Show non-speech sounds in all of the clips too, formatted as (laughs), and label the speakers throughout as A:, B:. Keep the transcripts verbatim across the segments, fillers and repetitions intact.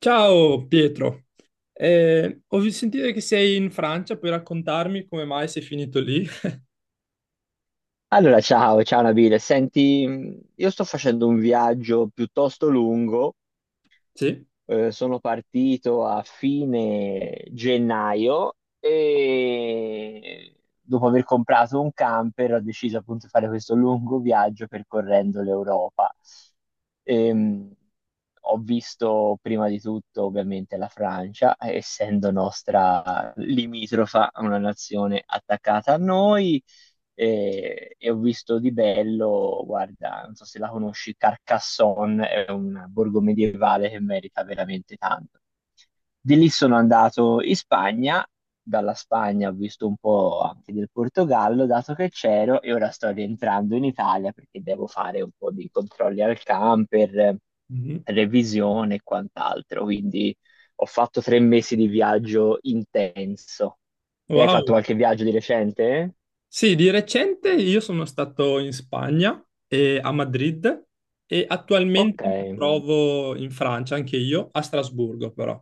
A: Ciao Pietro, Eh, ho sentito che sei in Francia, puoi raccontarmi come mai sei finito lì? (laughs)
B: Allora, ciao, ciao Nabile. Senti, mh, io sto facendo un viaggio piuttosto lungo.
A: Sì.
B: eh, sono partito a fine gennaio e dopo aver comprato un camper ho deciso appunto di fare questo lungo viaggio percorrendo l'Europa. Ehm, Ho visto prima di tutto ovviamente la Francia, essendo nostra limitrofa, una nazione attaccata a noi e, e ho visto di bello, guarda, non so se la conosci, Carcassonne, è un borgo medievale che merita veramente tanto. Di lì sono andato in Spagna, dalla Spagna ho visto un po' anche del Portogallo, dato che c'ero, e ora sto rientrando in Italia perché devo fare un po' di controlli al camper, eh,
A: Mhm.
B: revisione e quant'altro, quindi ho fatto tre mesi di viaggio intenso. Te hai fatto
A: Wow.
B: qualche viaggio di recente?
A: Sì, di recente io sono stato in Spagna, e a Madrid, e
B: Ok.
A: attualmente mi trovo in Francia, anche io, a Strasburgo però.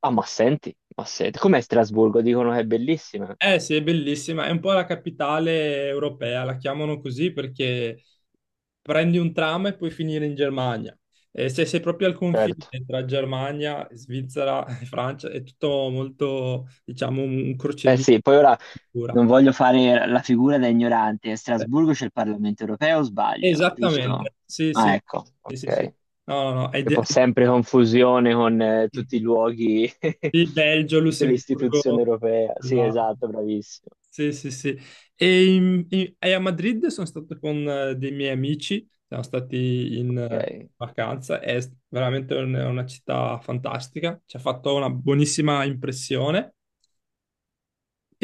B: Ah, ma senti, ma senti, com'è Strasburgo? Dicono che è bellissima.
A: Eh sì, è bellissima, è un po' la capitale europea, la chiamano così perché prendi un tram e puoi finire in Germania. E se sei proprio al confine
B: Certo.
A: tra Germania, Svizzera e Francia, è tutto molto, diciamo, un un
B: Eh
A: crocevia
B: sì, poi ora
A: pura.
B: non voglio fare la figura da ignorante. A
A: Eh,
B: Strasburgo c'è il Parlamento europeo, o sbaglio,
A: Esattamente,
B: giusto?
A: sì,
B: Ah,
A: sì,
B: ecco,
A: sì, sì, sì.
B: ok.
A: No, no, no, è
B: Che
A: de-
B: fa sempre confusione con eh, tutti i luoghi, (laughs)
A: di Belgio,
B: tutte le istituzioni
A: Lussemburgo,
B: europee. Sì,
A: là.
B: esatto, bravissimo.
A: Sì, sì, sì. E, in- in- e a Madrid sono stato con eh, dei miei amici, siamo stati in eh,
B: Ok.
A: vacanza, è s- veramente un- una città fantastica, ci ha fatto una buonissima impressione.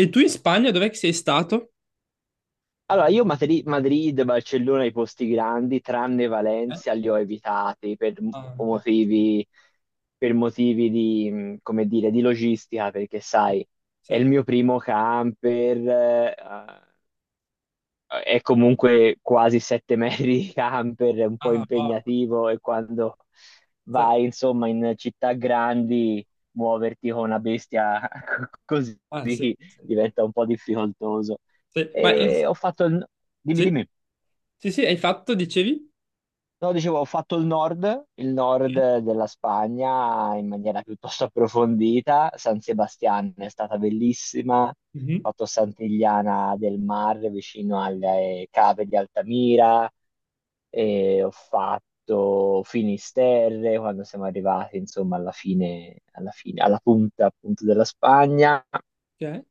A: E tu in Spagna dov'è che sei stato?
B: Allora, io Madri- Madrid, Barcellona, i posti grandi, tranne
A: Eh?
B: Valencia, li ho evitati per m-
A: Ah, ok.
B: motivi, per motivi di, mh, come dire, di logistica, perché sai,
A: Sì.
B: è il mio primo camper, eh, eh, è comunque quasi sette (laughs) metri di camper, è un po'
A: Ah, wow.
B: impegnativo e quando
A: Sì.
B: vai, insomma, in città grandi, muoverti con una bestia (laughs) così
A: Ah, sì, sì,
B: diventa un po' difficoltoso.
A: sì. Ma eh,
B: E ho fatto il... Dimmi,
A: sì,
B: dimmi.
A: sì, sì, hai fatto, dicevi?
B: No, dicevo, ho fatto il nord, il nord
A: Sì.
B: della Spagna in maniera piuttosto approfondita. San Sebastian è stata bellissima. Ho
A: Mhm.
B: fatto Sant'Iliana del Mar vicino alle cave di Altamira e ho fatto Finisterre quando siamo arrivati, insomma, alla fine, alla fine, alla punta appunto della Spagna.
A: Ok,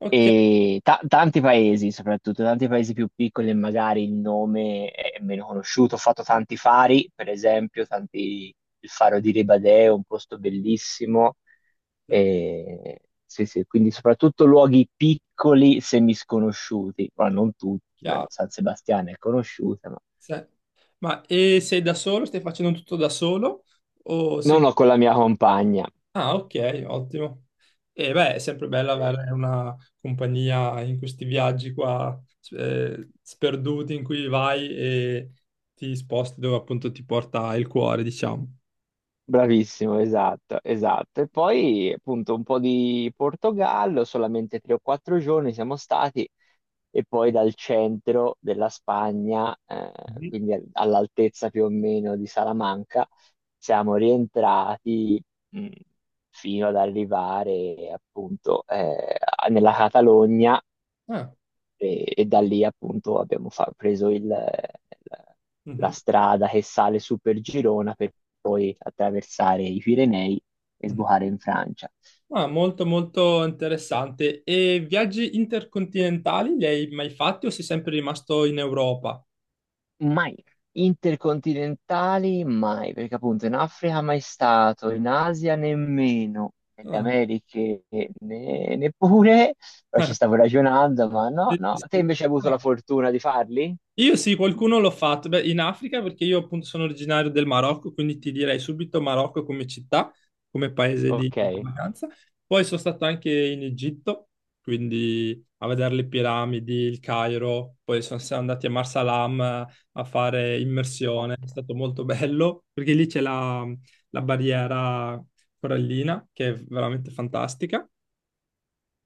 A: ok,
B: E ta- tanti paesi, soprattutto tanti paesi più piccoli, e magari il nome è meno conosciuto. Ho fatto tanti fari, per esempio, tanti- il faro di Ribadeo, un posto bellissimo. E- sì, sì, quindi soprattutto luoghi piccoli, semisconosciuti, ma non tutti. eh,
A: chiaro.
B: San Sebastiano è conosciuta, ma
A: Sì. Ma e sei da solo? Stai facendo tutto da solo? O sei...
B: non ho con la mia compagna.
A: Ah, ok, ottimo. E beh, è sempre bello
B: Eh,
A: avere una compagnia in questi viaggi qua, eh, sperduti in cui vai e ti sposti dove appunto ti porta il cuore, diciamo.
B: Bravissimo, esatto, esatto. E poi appunto un po' di Portogallo, solamente tre o quattro giorni siamo stati e poi dal centro della Spagna, eh,
A: Mhm.
B: quindi al- all'altezza più o meno di Salamanca, siamo rientrati mh, fino ad arrivare appunto eh, nella Catalogna
A: Ah,
B: e, e da lì appunto abbiamo fa- preso il- il- la
A: mhm,
B: strada che sale su per Girona per poi attraversare i Pirenei e
A: mhm.
B: sbucare in Francia.
A: Ah, molto molto interessante. E viaggi intercontinentali li hai mai fatti o sei sempre rimasto in Europa?
B: Mai. Intercontinentali mai, perché appunto in Africa mai stato, in Asia nemmeno, nelle
A: Ah,
B: Americhe ne- neppure, poi ci
A: (laughs)
B: stavo ragionando, ma no,
A: sì, sì,
B: no. Te
A: sì.
B: invece hai avuto la fortuna di farli?
A: Io sì, qualcuno l'ho fatto. Beh, in Africa, perché io appunto sono originario del Marocco, quindi ti direi subito Marocco come città, come paese di
B: Ok,
A: di vacanza. Poi sono stato anche in Egitto, quindi a vedere le piramidi, il Cairo, poi sono siamo andati a Marsalam eh, a fare immersione,
B: ok.
A: è stato molto bello, perché lì c'è la, la barriera corallina, che è veramente fantastica.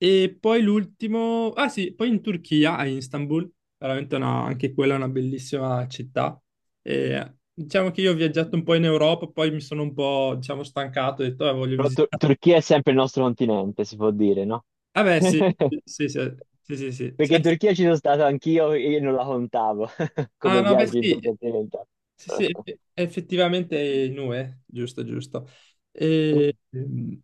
A: E poi l'ultimo, ah sì, poi in Turchia, a Istanbul, veramente una- anche quella è una bellissima città. E diciamo che io ho viaggiato un po' in Europa, poi mi sono un po', diciamo, stancato, ho detto, "Ah, voglio
B: Però Tur-
A: visitare.
B: Turchia è sempre il nostro continente, si può dire, no?
A: Ah beh, sì,
B: (laughs)
A: sì, sì, sì, sì, sì.
B: Perché
A: Eh,
B: in Turchia ci sono stato anch'io e non la contavo (laughs)
A: Ah
B: come
A: no, beh
B: viaggio
A: sì,
B: intercontinentale.
A: sì, sì, effettivamente è in U E, giusto, giusto. E,
B: (laughs)
A: ehm,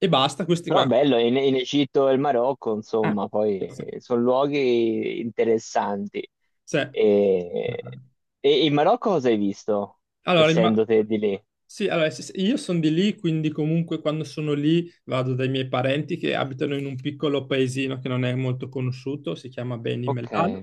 A: e basta, questi
B: Però
A: qua.
B: bello, in, in Egitto e il Marocco,
A: Ah,
B: insomma, poi sono luoghi interessanti.
A: sì.
B: E, e in Marocco cosa hai visto,
A: Allora, imma-
B: essendo te di lì?
A: Sì, allora s- s- io sono di lì, quindi comunque quando sono lì vado dai miei parenti che abitano in un piccolo paesino che non è molto conosciuto, si chiama Beni
B: Ok,
A: Mellal.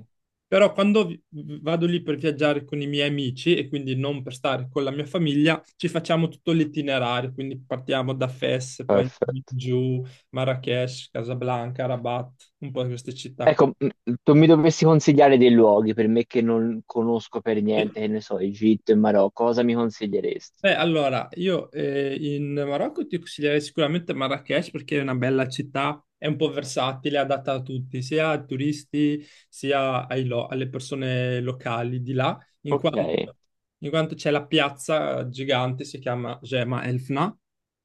A: Però quando vi- vado lì per viaggiare con i miei amici e quindi non per stare con la mia famiglia, ci facciamo tutto l'itinerario, quindi partiamo da Fes, poi
B: perfetto.
A: giù, Marrakech, Casablanca, Rabat, un po' queste città qui.
B: Ecco, m- tu mi dovresti consigliare dei luoghi per me che non conosco per
A: Sì.
B: niente, che ne so, Egitto e Marocco, cosa mi consiglieresti?
A: Beh, allora, io eh, in Marocco ti consiglierei sicuramente Marrakech perché è una bella città, è un po' versatile, adatta a tutti, sia a turisti sia ai lo- alle persone locali di là, in
B: Ok,
A: quanto, in quanto c'è la piazza gigante, si chiama Gema Elfna,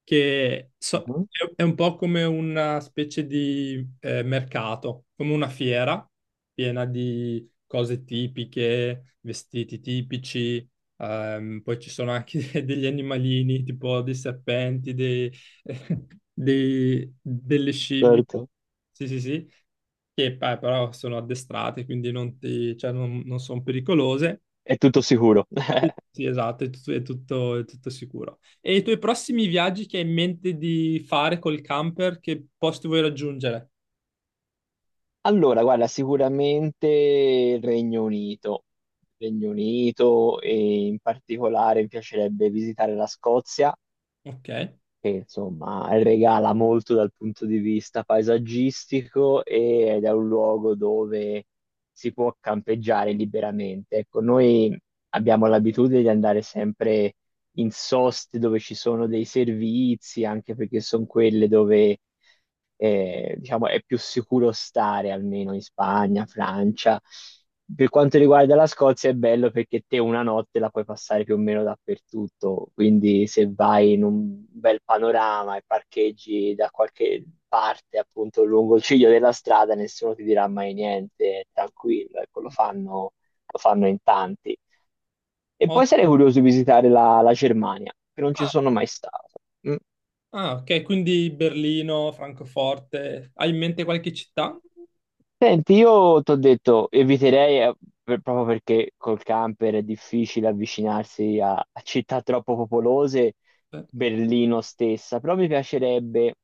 A: che so- è
B: mhm,
A: è un po' come una specie di eh, mercato, come una fiera piena di cose tipiche, vestiti tipici. Ehm, poi ci sono anche (laughs) degli animalini, tipo dei serpenti, dei, (laughs) dei- delle scimmie,
B: certo.
A: sì, sì, sì, che eh, però sono addestrate, quindi non, ti- cioè, non, non sono pericolose.
B: È tutto sicuro.
A: Sì, sì, esatto, è tutto, è tutto- è tutto sicuro. E i tuoi prossimi viaggi che hai in mente di fare col camper, che posti vuoi raggiungere?
B: Allora, guarda, sicuramente il Regno Unito. Regno Unito e in particolare mi piacerebbe visitare la Scozia
A: Ok.
B: che insomma regala molto dal punto di vista paesaggistico e- ed è un luogo dove si può campeggiare liberamente. Ecco, noi abbiamo l'abitudine di andare sempre in soste dove ci sono dei servizi, anche perché sono quelle dove eh, diciamo, è più sicuro stare, almeno in Spagna, Francia. Per quanto riguarda la Scozia è bello perché te una notte la puoi passare più o meno dappertutto, quindi se vai in un bel panorama e parcheggi da qualche parte, appunto lungo il ciglio della strada, nessuno ti dirà mai niente, è tranquillo, ecco, lo fanno, lo fanno in tanti. E
A: Ho-
B: poi sarei curioso di visitare la, la Germania, che non ci
A: Ah,
B: sono mai stato. Mm.
A: ah, ok, quindi Berlino, Francoforte. Hai in mente qualche città?
B: Senti, io ti ho detto, eviterei eh, per- proprio perché col camper è difficile avvicinarsi a, a città troppo popolose,
A: Eh,
B: Berlino stessa, però mi piacerebbe,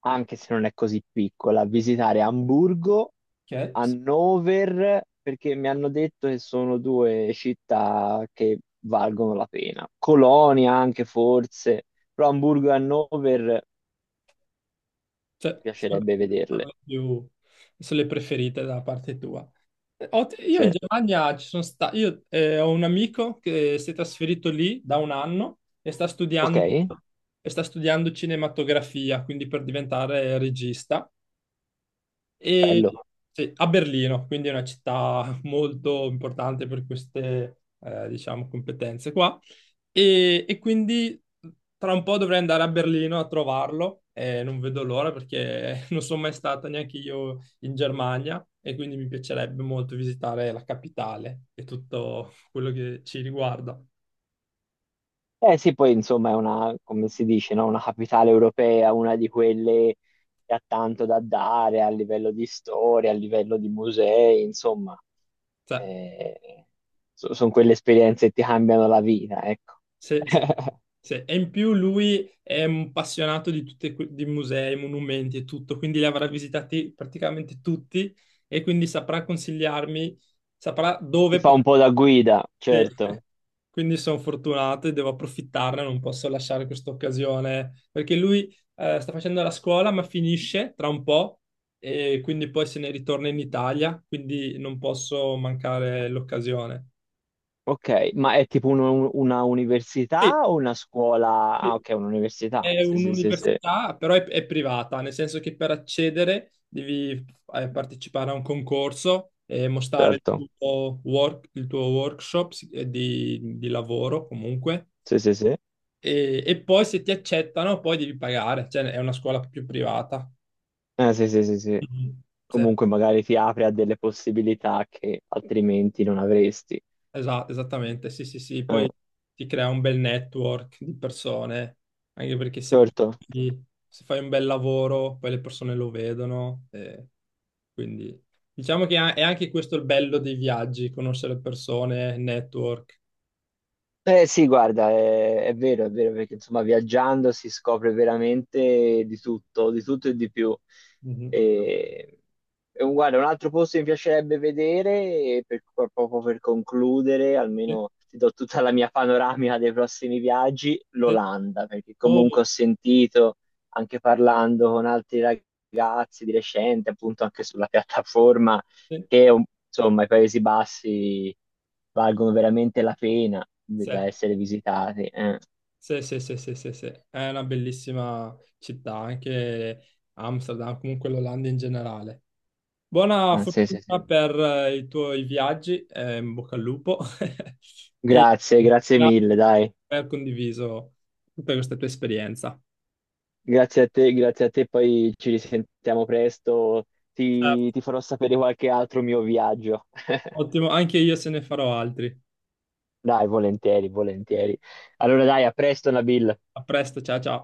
B: anche se non è così piccola, visitare Amburgo,
A: Ok, sì.
B: Hannover, perché mi hanno detto che sono due città che valgono la pena. Colonia anche forse, però Amburgo e Hannover
A: Cioè,
B: mi
A: sono
B: piacerebbe
A: sono
B: vederle.
A: le più, sono le preferite da parte tua. Eh, ho- Io in
B: Sì.
A: Germania ci sono stato, io eh, ho un amico che si è trasferito lì da un anno e sta
B: Ok,
A: studiando, e sta studiando cinematografia, quindi per diventare regista. E
B: bello.
A: sì, a Berlino, quindi è una città (laughs) molto importante per queste, eh, diciamo, competenze qua. E, e quindi tra un po' dovrei andare a Berlino a trovarlo. E non vedo l'ora perché (laughs) non sono mai stato neanche io in Germania e quindi mi piacerebbe molto visitare la capitale e tutto quello che ci riguarda.
B: Eh sì, poi insomma è una, come si dice, no? Una capitale europea, una di quelle che ha tanto da dare a livello di storia, a livello di musei, insomma,
A: Cioè,
B: sono quelle esperienze che ti cambiano la vita, ecco.
A: sì, sì,
B: (laughs)
A: sì. E in più lui è un appassionato di tutti i musei, monumenti e tutto, quindi li avrà visitati praticamente tutti e quindi saprà consigliarmi, saprà
B: Ti
A: dove
B: fa un
A: portare.
B: po' da guida, certo.
A: (laughs) Quindi sono fortunato e devo approfittarne, non posso lasciare questa occasione, perché lui eh, sta facendo la scuola ma finisce tra un po' e quindi poi se ne ritorna in Italia, quindi non posso mancare l'occasione.
B: Ok, ma è tipo un- una
A: Sì,
B: università o una scuola? Ah,
A: sì.
B: ok, un'università.
A: È
B: Sì, sì, sì, sì,
A: un'università, però è, è privata, nel senso che per accedere devi eh, partecipare a un concorso e mostrare
B: certo.
A: il tuo, work- il tuo workshop si- eh, di, di lavoro comunque.
B: Sì, sì, sì.
A: E, e poi se ti accettano, poi devi pagare, cioè è una scuola più privata.
B: Eh, sì, sì, sì, sì.
A: Mhm. Sì,
B: Comunque magari ti apre a delle possibilità che altrimenti non avresti.
A: esatto, esattamente, sì, sì, sì.
B: Eh,
A: Poi ti crea un bel network di persone, anche perché se poi
B: certo.
A: se fai un bel lavoro, poi le persone lo vedono. eh. Quindi diciamo che a- è anche questo il bello dei viaggi, conoscere le persone, network.
B: Eh sì, guarda, è, è vero, è vero, perché insomma viaggiando si scopre veramente di tutto, di tutto e di più.
A: Mhm.
B: E, e un, guarda, un altro posto che mi piacerebbe vedere, e per- proprio per concludere,
A: Sì,
B: almeno ti do tutta la mia panoramica dei prossimi viaggi,
A: sì.
B: l'Olanda, perché
A: Oh,
B: comunque ho sentito, anche parlando con altri ragazzi di recente, appunto anche sulla piattaforma,
A: sì,
B: che un- insomma i Paesi Bassi valgono veramente la pena di-
A: sì,
B: da essere visitati. eh.
A: sì, sì, sì, sì, sì, sì. È una bellissima città, anche Amsterdam, comunque l'Olanda in generale. Buona
B: Ah, sì, sì, sì.
A: fortuna per eh, i tuoi viaggi, eh, in bocca al lupo, (laughs) e
B: Grazie, grazie
A: grazie
B: mille, dai.
A: per aver condiviso tutta questa tua esperienza.
B: Grazie a te, grazie a te, poi ci risentiamo presto.
A: Eh,
B: Ti, ti farò sapere qualche altro mio viaggio. (laughs)
A: ottimo, anche io se ne farò altri.
B: Dai, volentieri, volentieri. Allora dai, a presto, Nabil.
A: A presto, ciao ciao.